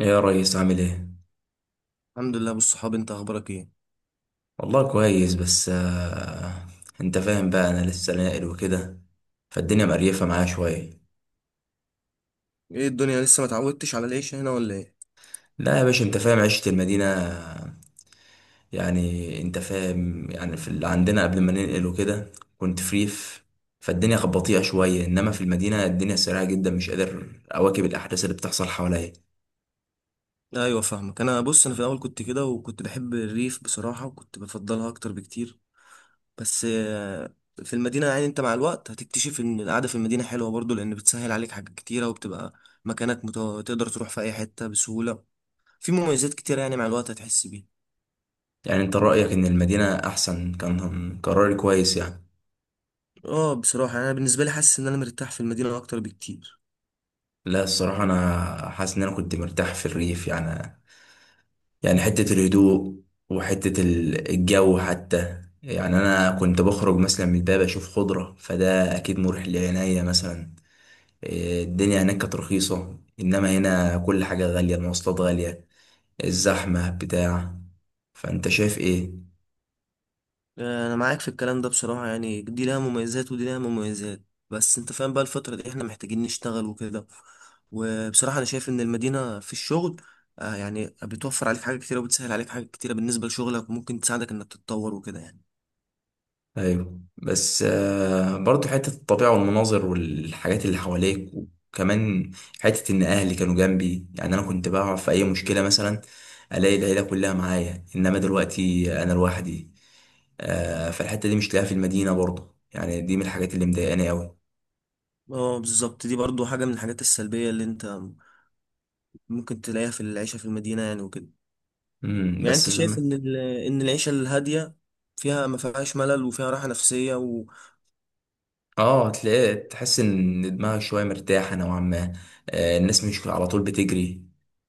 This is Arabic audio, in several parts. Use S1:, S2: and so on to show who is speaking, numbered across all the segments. S1: ايه يا ريس؟ عامل ايه؟
S2: الحمد لله بالصحاب، انت اخبارك ايه؟
S1: والله كويس، بس انت فاهم بقى، انا لسه ناقل وكده، فالدنيا مقريفه معايا شويه.
S2: ايه، الدنيا لسه ما اتعودتش على العيش هنا ولا ايه؟
S1: لا يا باشا، انت فاهم عيشه المدينه، يعني انت فاهم، يعني في اللي عندنا قبل ما ننقل وكده، كنت فريف، فالدنيا كانت بطيئه شويه، انما في المدينه الدنيا سريعه جدا، مش قادر اواكب الاحداث اللي بتحصل حواليا.
S2: ايوه، فاهمك. انا بص، انا في الاول كنت كده وكنت بحب الريف بصراحه وكنت بفضلها اكتر بكتير. بس في المدينه يعني انت مع الوقت هتكتشف ان القعده في المدينه حلوه برضو لان بتسهل عليك حاجات كتيره وبتبقى مكانك تقدر تروح في اي حته بسهوله. في مميزات كتيره يعني مع الوقت هتحس بيها.
S1: يعني انت رايك ان المدينه احسن؟ كان قراري كويس يعني؟
S2: اه، بصراحه يعني انا بالنسبه لي حاسس ان انا مرتاح في المدينه اكتر بكتير.
S1: لا، الصراحه انا حاسس ان انا كنت مرتاح في الريف يعني. يعني حتة الهدوء، وحتة الجو حتى، يعني أنا كنت بخرج مثلا من الباب، أشوف خضرة، فده أكيد مريح لعينيا مثلا. إيه، الدنيا هناك كانت رخيصة، إنما هنا كل حاجة غالية، المواصلات غالية، الزحمة بتاع. فأنت شايف إيه؟
S2: انا معاك في الكلام ده بصراحة، يعني دي لها مميزات ودي لها مميزات. بس انت فاهم بقى الفترة دي احنا محتاجين نشتغل وكده. وبصراحة انا شايف ان المدينة في الشغل يعني بتوفر عليك حاجات كتيرة وبتسهل عليك حاجات كتيرة بالنسبة لشغلك وممكن تساعدك انك تتطور وكده يعني.
S1: ايوه، بس برضو حته الطبيعه والمناظر والحاجات اللي حواليك، وكمان حته ان اهلي كانوا جنبي، يعني انا كنت بقع في اي مشكله مثلا، الاقي العيله كلها معايا، انما دلوقتي انا لوحدي. فالحته دي مش لاقيها في المدينه برضو، يعني دي من الحاجات اللي مضايقاني قوي.
S2: اه بالظبط، دي برضو حاجة من الحاجات السلبية اللي انت ممكن تلاقيها في العيشة في المدينة يعني وكده. يعني
S1: بس،
S2: انت شايف ان العيشة الهادية فيها ما فيهاش ملل وفيها راحة نفسية.
S1: اه، تلاقي تحس ان دماغك شويه مرتاحه نوعا ما. الناس مش على طول بتجري.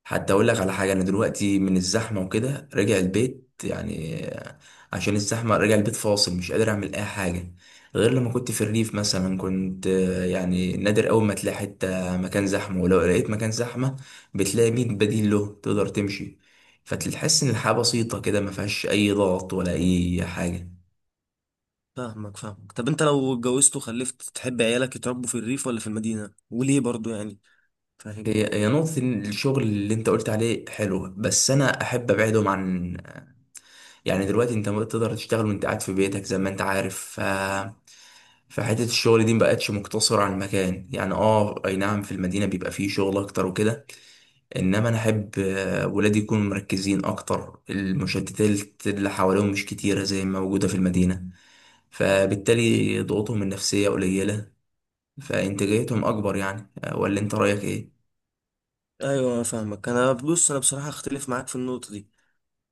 S1: حتى اقول لك على حاجه، انا دلوقتي من الزحمه وكده راجع البيت، يعني عشان الزحمه راجع البيت فاصل، مش قادر اعمل اي حاجه. غير لما كنت في الريف مثلا، كنت يعني نادر اول ما تلاقي حته مكان زحمه، ولو لقيت مكان زحمه، بتلاقي مين بديل له تقدر تمشي، فتحس ان الحياه بسيطه كده، ما فيهاش اي ضغط ولا اي حاجه.
S2: فاهمك فاهمك، طب انت لو اتجوزت وخلفت تحب عيالك يتربوا في الريف ولا في المدينة وليه برضو يعني؟ فاهمني.
S1: هي هي نقطة إن الشغل اللي انت قلت عليه حلو، بس انا احب ابعدهم عن، يعني دلوقتي انت ما تقدر تشتغل وانت قاعد في بيتك زي ما انت عارف، فحتة الشغل دي مبقتش مقتصرة على المكان، يعني اه اي نعم، في المدينة بيبقى فيه شغل اكتر وكده، انما انا احب ولادي يكونوا مركزين اكتر، المشتتات اللي حواليهم مش كتيرة زي ما موجودة في المدينة، فبالتالي ضغوطهم النفسية قليلة، فانتاجيتهم اكبر، يعني ولا انت رأيك ايه؟
S2: ايوه، انا فاهمك. انا بص، انا بصراحة اختلف معاك في النقطة دي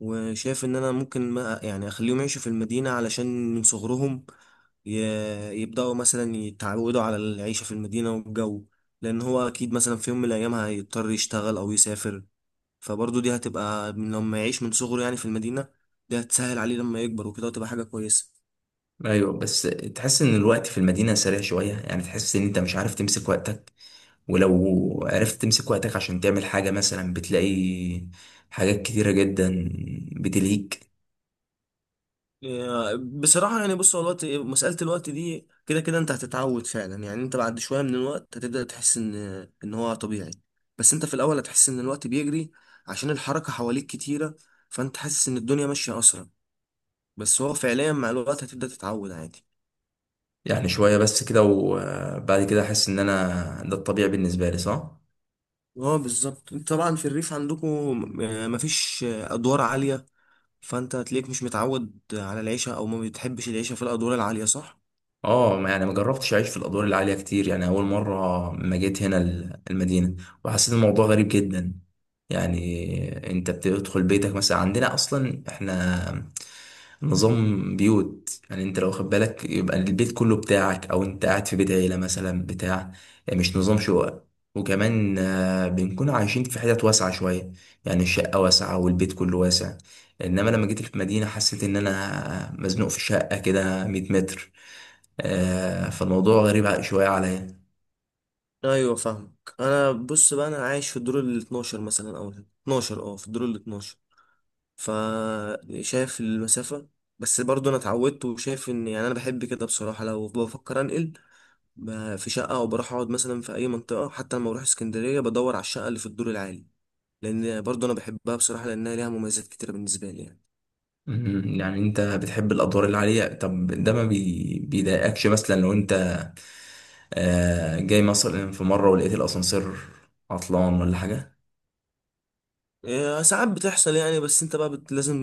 S2: وشايف ان انا ممكن ما يعني اخليهم يعيشوا في المدينة علشان من صغرهم ي... يبدأوا مثلا يتعودوا على العيشة في المدينة والجو، لان هو اكيد مثلا في يوم من الايام هيضطر يشتغل او يسافر. فبرضو دي هتبقى من لما يعيش من صغره يعني في المدينة، دي هتسهل عليه لما يكبر وكده وتبقى حاجة كويسة.
S1: ايوه، بس تحس ان الوقت في المدينه سريع شويه، يعني تحس ان انت مش عارف تمسك وقتك، ولو عرفت تمسك وقتك عشان تعمل حاجه مثلا، بتلاقي حاجات كتيره جدا بتلهيك.
S2: بصراحة يعني بص، هو الوقت، مسألة الوقت دي كده كده انت هتتعود فعلا. يعني انت بعد شوية من الوقت هتبدأ تحس ان هو طبيعي. بس انت في الأول هتحس ان الوقت بيجري عشان الحركة حواليك كتيرة، فانت حاسس ان الدنيا ماشية أسرع. بس هو فعليا مع الوقت هتبدأ تتعود عادي.
S1: يعني شويه بس كده، وبعد كده احس ان انا ده الطبيعي بالنسبه لي، صح؟
S2: اه بالظبط، انت طبعا في الريف عندكم مفيش أدوار عالية، فانت هتلاقيك مش متعود على العيشة او ما بتحبش العيشة في الأدوار العالية، صح؟
S1: اه، يعني ما جربتش اعيش في الادوار العاليه كتير، يعني اول مره ما جيت هنا المدينه، وحسيت الموضوع غريب جدا. يعني انت بتدخل بيتك مثلا، عندنا اصلا احنا نظام بيوت، يعني انت لو واخد بالك يبقى البيت كله بتاعك، او انت قاعد في بيت عيله مثلا بتاع، يعني مش نظام شقق. وكمان بنكون عايشين في حتت واسعه شويه، يعني الشقه واسعه والبيت كله واسع. انما لما جيت المدينه، حسيت ان انا مزنوق في شقه كده 100 متر. فالموضوع غريب شوية عليا.
S2: ايوه فاهمك. انا بص بقى، انا عايش في الدور ال 12 مثلا او ال 12 في الدور ال 12، فشايف المسافه. بس برضو انا اتعودت وشايف ان يعني انا بحب كده بصراحه. لو بفكر انقل في شقه او بروح اقعد مثلا في اي منطقه، حتى لما بروح اسكندريه بدور على الشقه اللي في الدور العالي لان برضو انا بحبها بصراحه لانها ليها مميزات كتيره بالنسبه لي يعني.
S1: يعني انت بتحب الادوار اللي عليها. طب ده ما بيضايقكش مثلا لو انت جاي مثلا في مرة ولقيت الاسانسير عطلان ولا حاجة؟
S2: إيه، ساعات بتحصل يعني. بس انت بقى لازم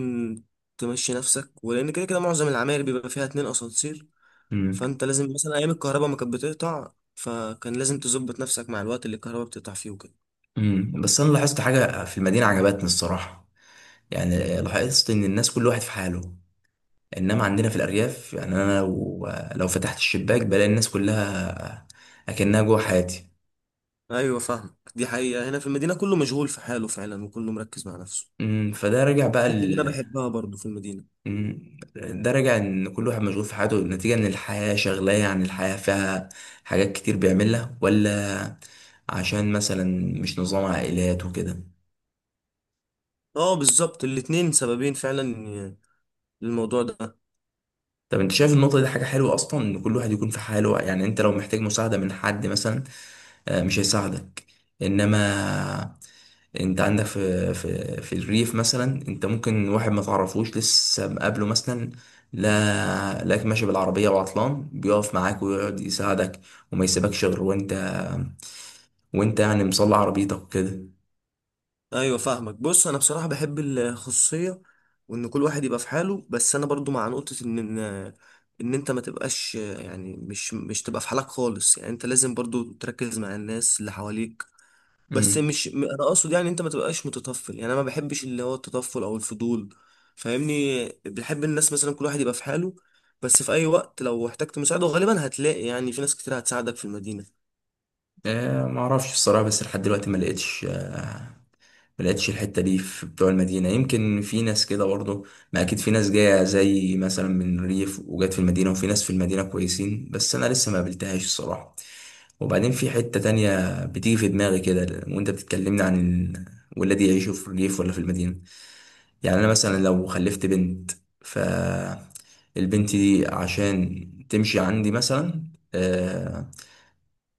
S2: تمشي نفسك، ولان كده كده معظم العماير بيبقى فيها اتنين اسانسير.
S1: مم.
S2: فانت لازم مثلا ايام الكهرباء ما كانت بتقطع فكان لازم تظبط نفسك مع الوقت اللي الكهرباء بتقطع فيه وكده.
S1: مم. بس انا لاحظت حاجة في المدينة عجبتني الصراحة، يعني لاحظت ان الناس كل واحد في حاله، انما عندنا في الارياف، يعني انا لو فتحت الشباك بلاقي الناس كلها اكنها جوه حياتي.
S2: ايوه فاهمك، دي حقيقة، هنا في المدينة كله مشغول في حاله فعلا وكله مركز مع نفسه.
S1: مم. فده رجع بقى.
S2: الحتة اللي انا بحبها برضو في المدينة.
S1: مم. ده راجع ان كل واحد مشغول في حياته، نتيجة ان الحياة شغلاه، يعني الحياة فيها حاجات كتير بيعملها، ولا عشان مثلا مش نظام عائلات وكده.
S2: اه بالظبط، الاتنين سببين فعلا للموضوع ده.
S1: طب انت شايف النقطة دي حاجة حلوة اصلا، ان كل واحد يكون في حاله؟ يعني انت لو محتاج مساعدة من حد مثلا مش هيساعدك. انما انت عندك في الريف مثلا، انت ممكن واحد ما تعرفوش لسه مقابله مثلا، لا لاك ماشي بالعربية وعطلان، بيقف معاك ويقعد يساعدك، وما يسيبكش غير وانت يعني مصلي عربيتك وكده.
S2: ايوه فاهمك، بص، انا بصراحة بحب الخصوصية وان كل واحد يبقى في حاله. بس انا برضو مع نقطة ان ان إن انت ما تبقاش يعني مش تبقى في حالك خالص. يعني انت لازم برضو تركز مع الناس اللي حواليك، بس
S1: امم
S2: مش انا اقصد يعني انت ما تبقاش متطفل. يعني انا ما بحبش اللي هو التطفل او الفضول. فاهمني، بحب الناس مثلا كل واحد يبقى في حاله. بس في اي وقت لو احتجت مساعده غالبا هتلاقي يعني في ناس كتير هتساعدك في المدينه.
S1: ما اعرفش الصراحة، بس لحد دلوقتي ما لقيتش الحته دي في بتوع المدينه، يمكن في ناس كده برضه، ما اكيد في ناس جايه زي مثلا من الريف وجات في المدينه، وفي ناس في المدينه كويسين، بس انا لسه ما قابلتهاش الصراحه. وبعدين في حته تانية بتيجي في دماغي كده وانت بتتكلمني عن ولادي يعيشوا في الريف ولا في المدينه. يعني انا مثلا لو خلفت بنت، ف البنت دي عشان تمشي عندي مثلا آه،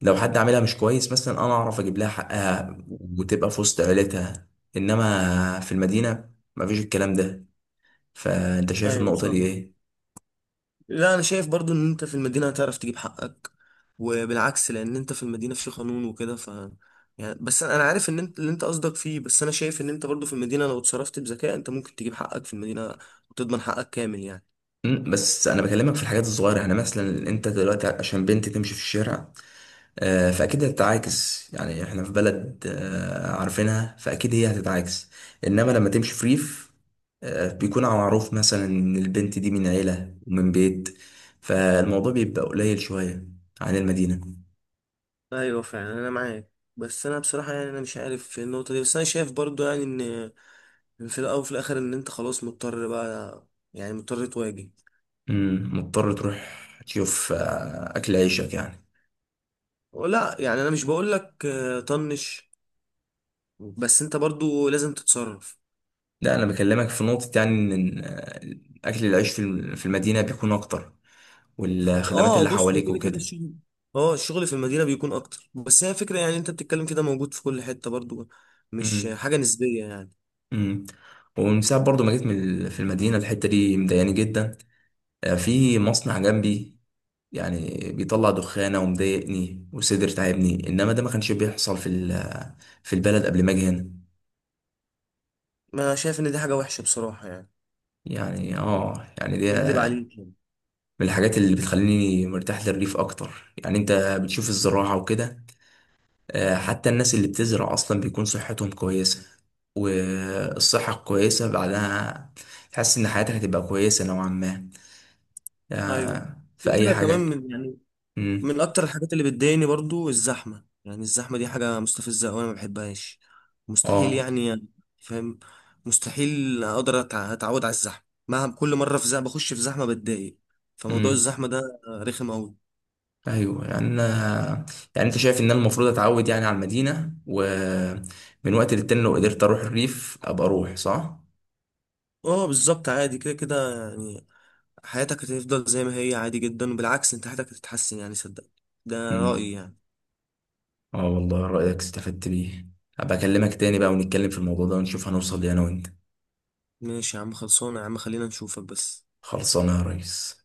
S1: لو حد عاملها مش كويس مثلا، انا اعرف اجيب لها حقها وتبقى في وسط عيلتها. انما في المدينه مفيش الكلام ده. فانت شايف
S2: ايوه
S1: النقطه دي
S2: فاهم.
S1: ايه؟
S2: لا، انا شايف برضو ان انت في المدينه هتعرف تجيب حقك وبالعكس، لان انت في المدينه في قانون وكده. يعني بس انا عارف ان انت اللي انت قصدك فيه. بس انا شايف ان انت برضو في المدينه لو اتصرفت بذكاء انت ممكن تجيب حقك في المدينه وتضمن حقك كامل يعني.
S1: بس انا بكلمك في الحاجات الصغيره، يعني مثلا انت دلوقتي عشان بنت تمشي في الشارع فاكيد هتتعاكس، يعني احنا في بلد عارفينها، فاكيد هي هتتعاكس. انما لما تمشي في ريف بيكون معروف مثلا ان البنت دي من عيله ومن بيت، فالموضوع بيبقى قليل شويه عن المدينه.
S2: ايوه فعلا، انا معاك. بس انا بصراحه يعني انا مش عارف في النقطه دي. بس انا شايف برضو يعني ان في الاول وفي الاخر ان انت خلاص مضطر بقى، يعني مضطر تواجه.
S1: مضطر تروح تشوف اكل عيشك يعني.
S2: لا، يعني انا مش بقول لك طنش. بس انت برضو لازم تتصرف.
S1: لا، انا بكلمك في نقطة، يعني ان اكل العيش في في المدينة بيكون اكتر، والخدمات
S2: اه،
S1: اللي
S2: بص، هو
S1: حواليك
S2: كده كده
S1: وكده.
S2: الشغل. اه الشغل في المدينه بيكون اكتر. بس هي فكره يعني انت بتتكلم كده موجود في كل حته برضو، مش
S1: امم
S2: حاجه نسبيه يعني.
S1: امم ومن ساعة برضو ما جيت من في المدينة، الحتة دي مضايقاني جدا. في مصنع جنبي، يعني بيطلع دخانة ومضايقني، وصدر تعبني. انما ده ما كانش بيحصل في في البلد قبل ما اجي هنا.
S2: ما انا شايف ان دي حاجه وحشه بصراحه يعني،
S1: يعني اه، يعني دي
S2: اكدب عليك يعني.
S1: من الحاجات اللي بتخليني مرتاح للريف اكتر، يعني انت بتشوف الزراعة وكده. حتى الناس اللي بتزرع اصلا بيكون صحتهم كويسة، والصحة كويسة بعدها، تحس ان حياتك هتبقى كويسة نوعا ما
S2: ايوه.
S1: في
S2: في
S1: اي
S2: حاجه كمان
S1: حاجة.
S2: من يعني
S1: امم.
S2: من اكتر الحاجات اللي بتضايقني برضو الزحمه. يعني الزحمه دي حاجه مستفزه قوي، انا ما بحبهاش، مستحيل
S1: اه.
S2: يعني. فاهم. مستحيل اقدر اتعود على الزحمه، مهما كل مره في زحمه بخش في زحمه بتضايق. فموضوع
S1: امم.
S2: الزحمه ده رخم قوي.
S1: ايوه، يعني يعني انت شايف ان انا المفروض اتعود يعني على المدينة، ومن وقت للتاني لو قدرت اروح الريف ابقى اروح، صح؟
S2: اه بالظبط، عادي كده كده يعني. حياتك هتفضل زي ما هي عادي جدا، وبالعكس انت حياتك هتتحسن يعني، صدقني. ده
S1: امم.
S2: رايي يعني.
S1: اه والله، رأيك استفدت بيه. هبقى اكلمك تاني بقى، ونتكلم في الموضوع ده، ونشوف هنوصل ليه انا وانت.
S2: ماشي يا عم، خلصانه يا عم، خلينا نشوفك بس.
S1: خلصانه يا ريس.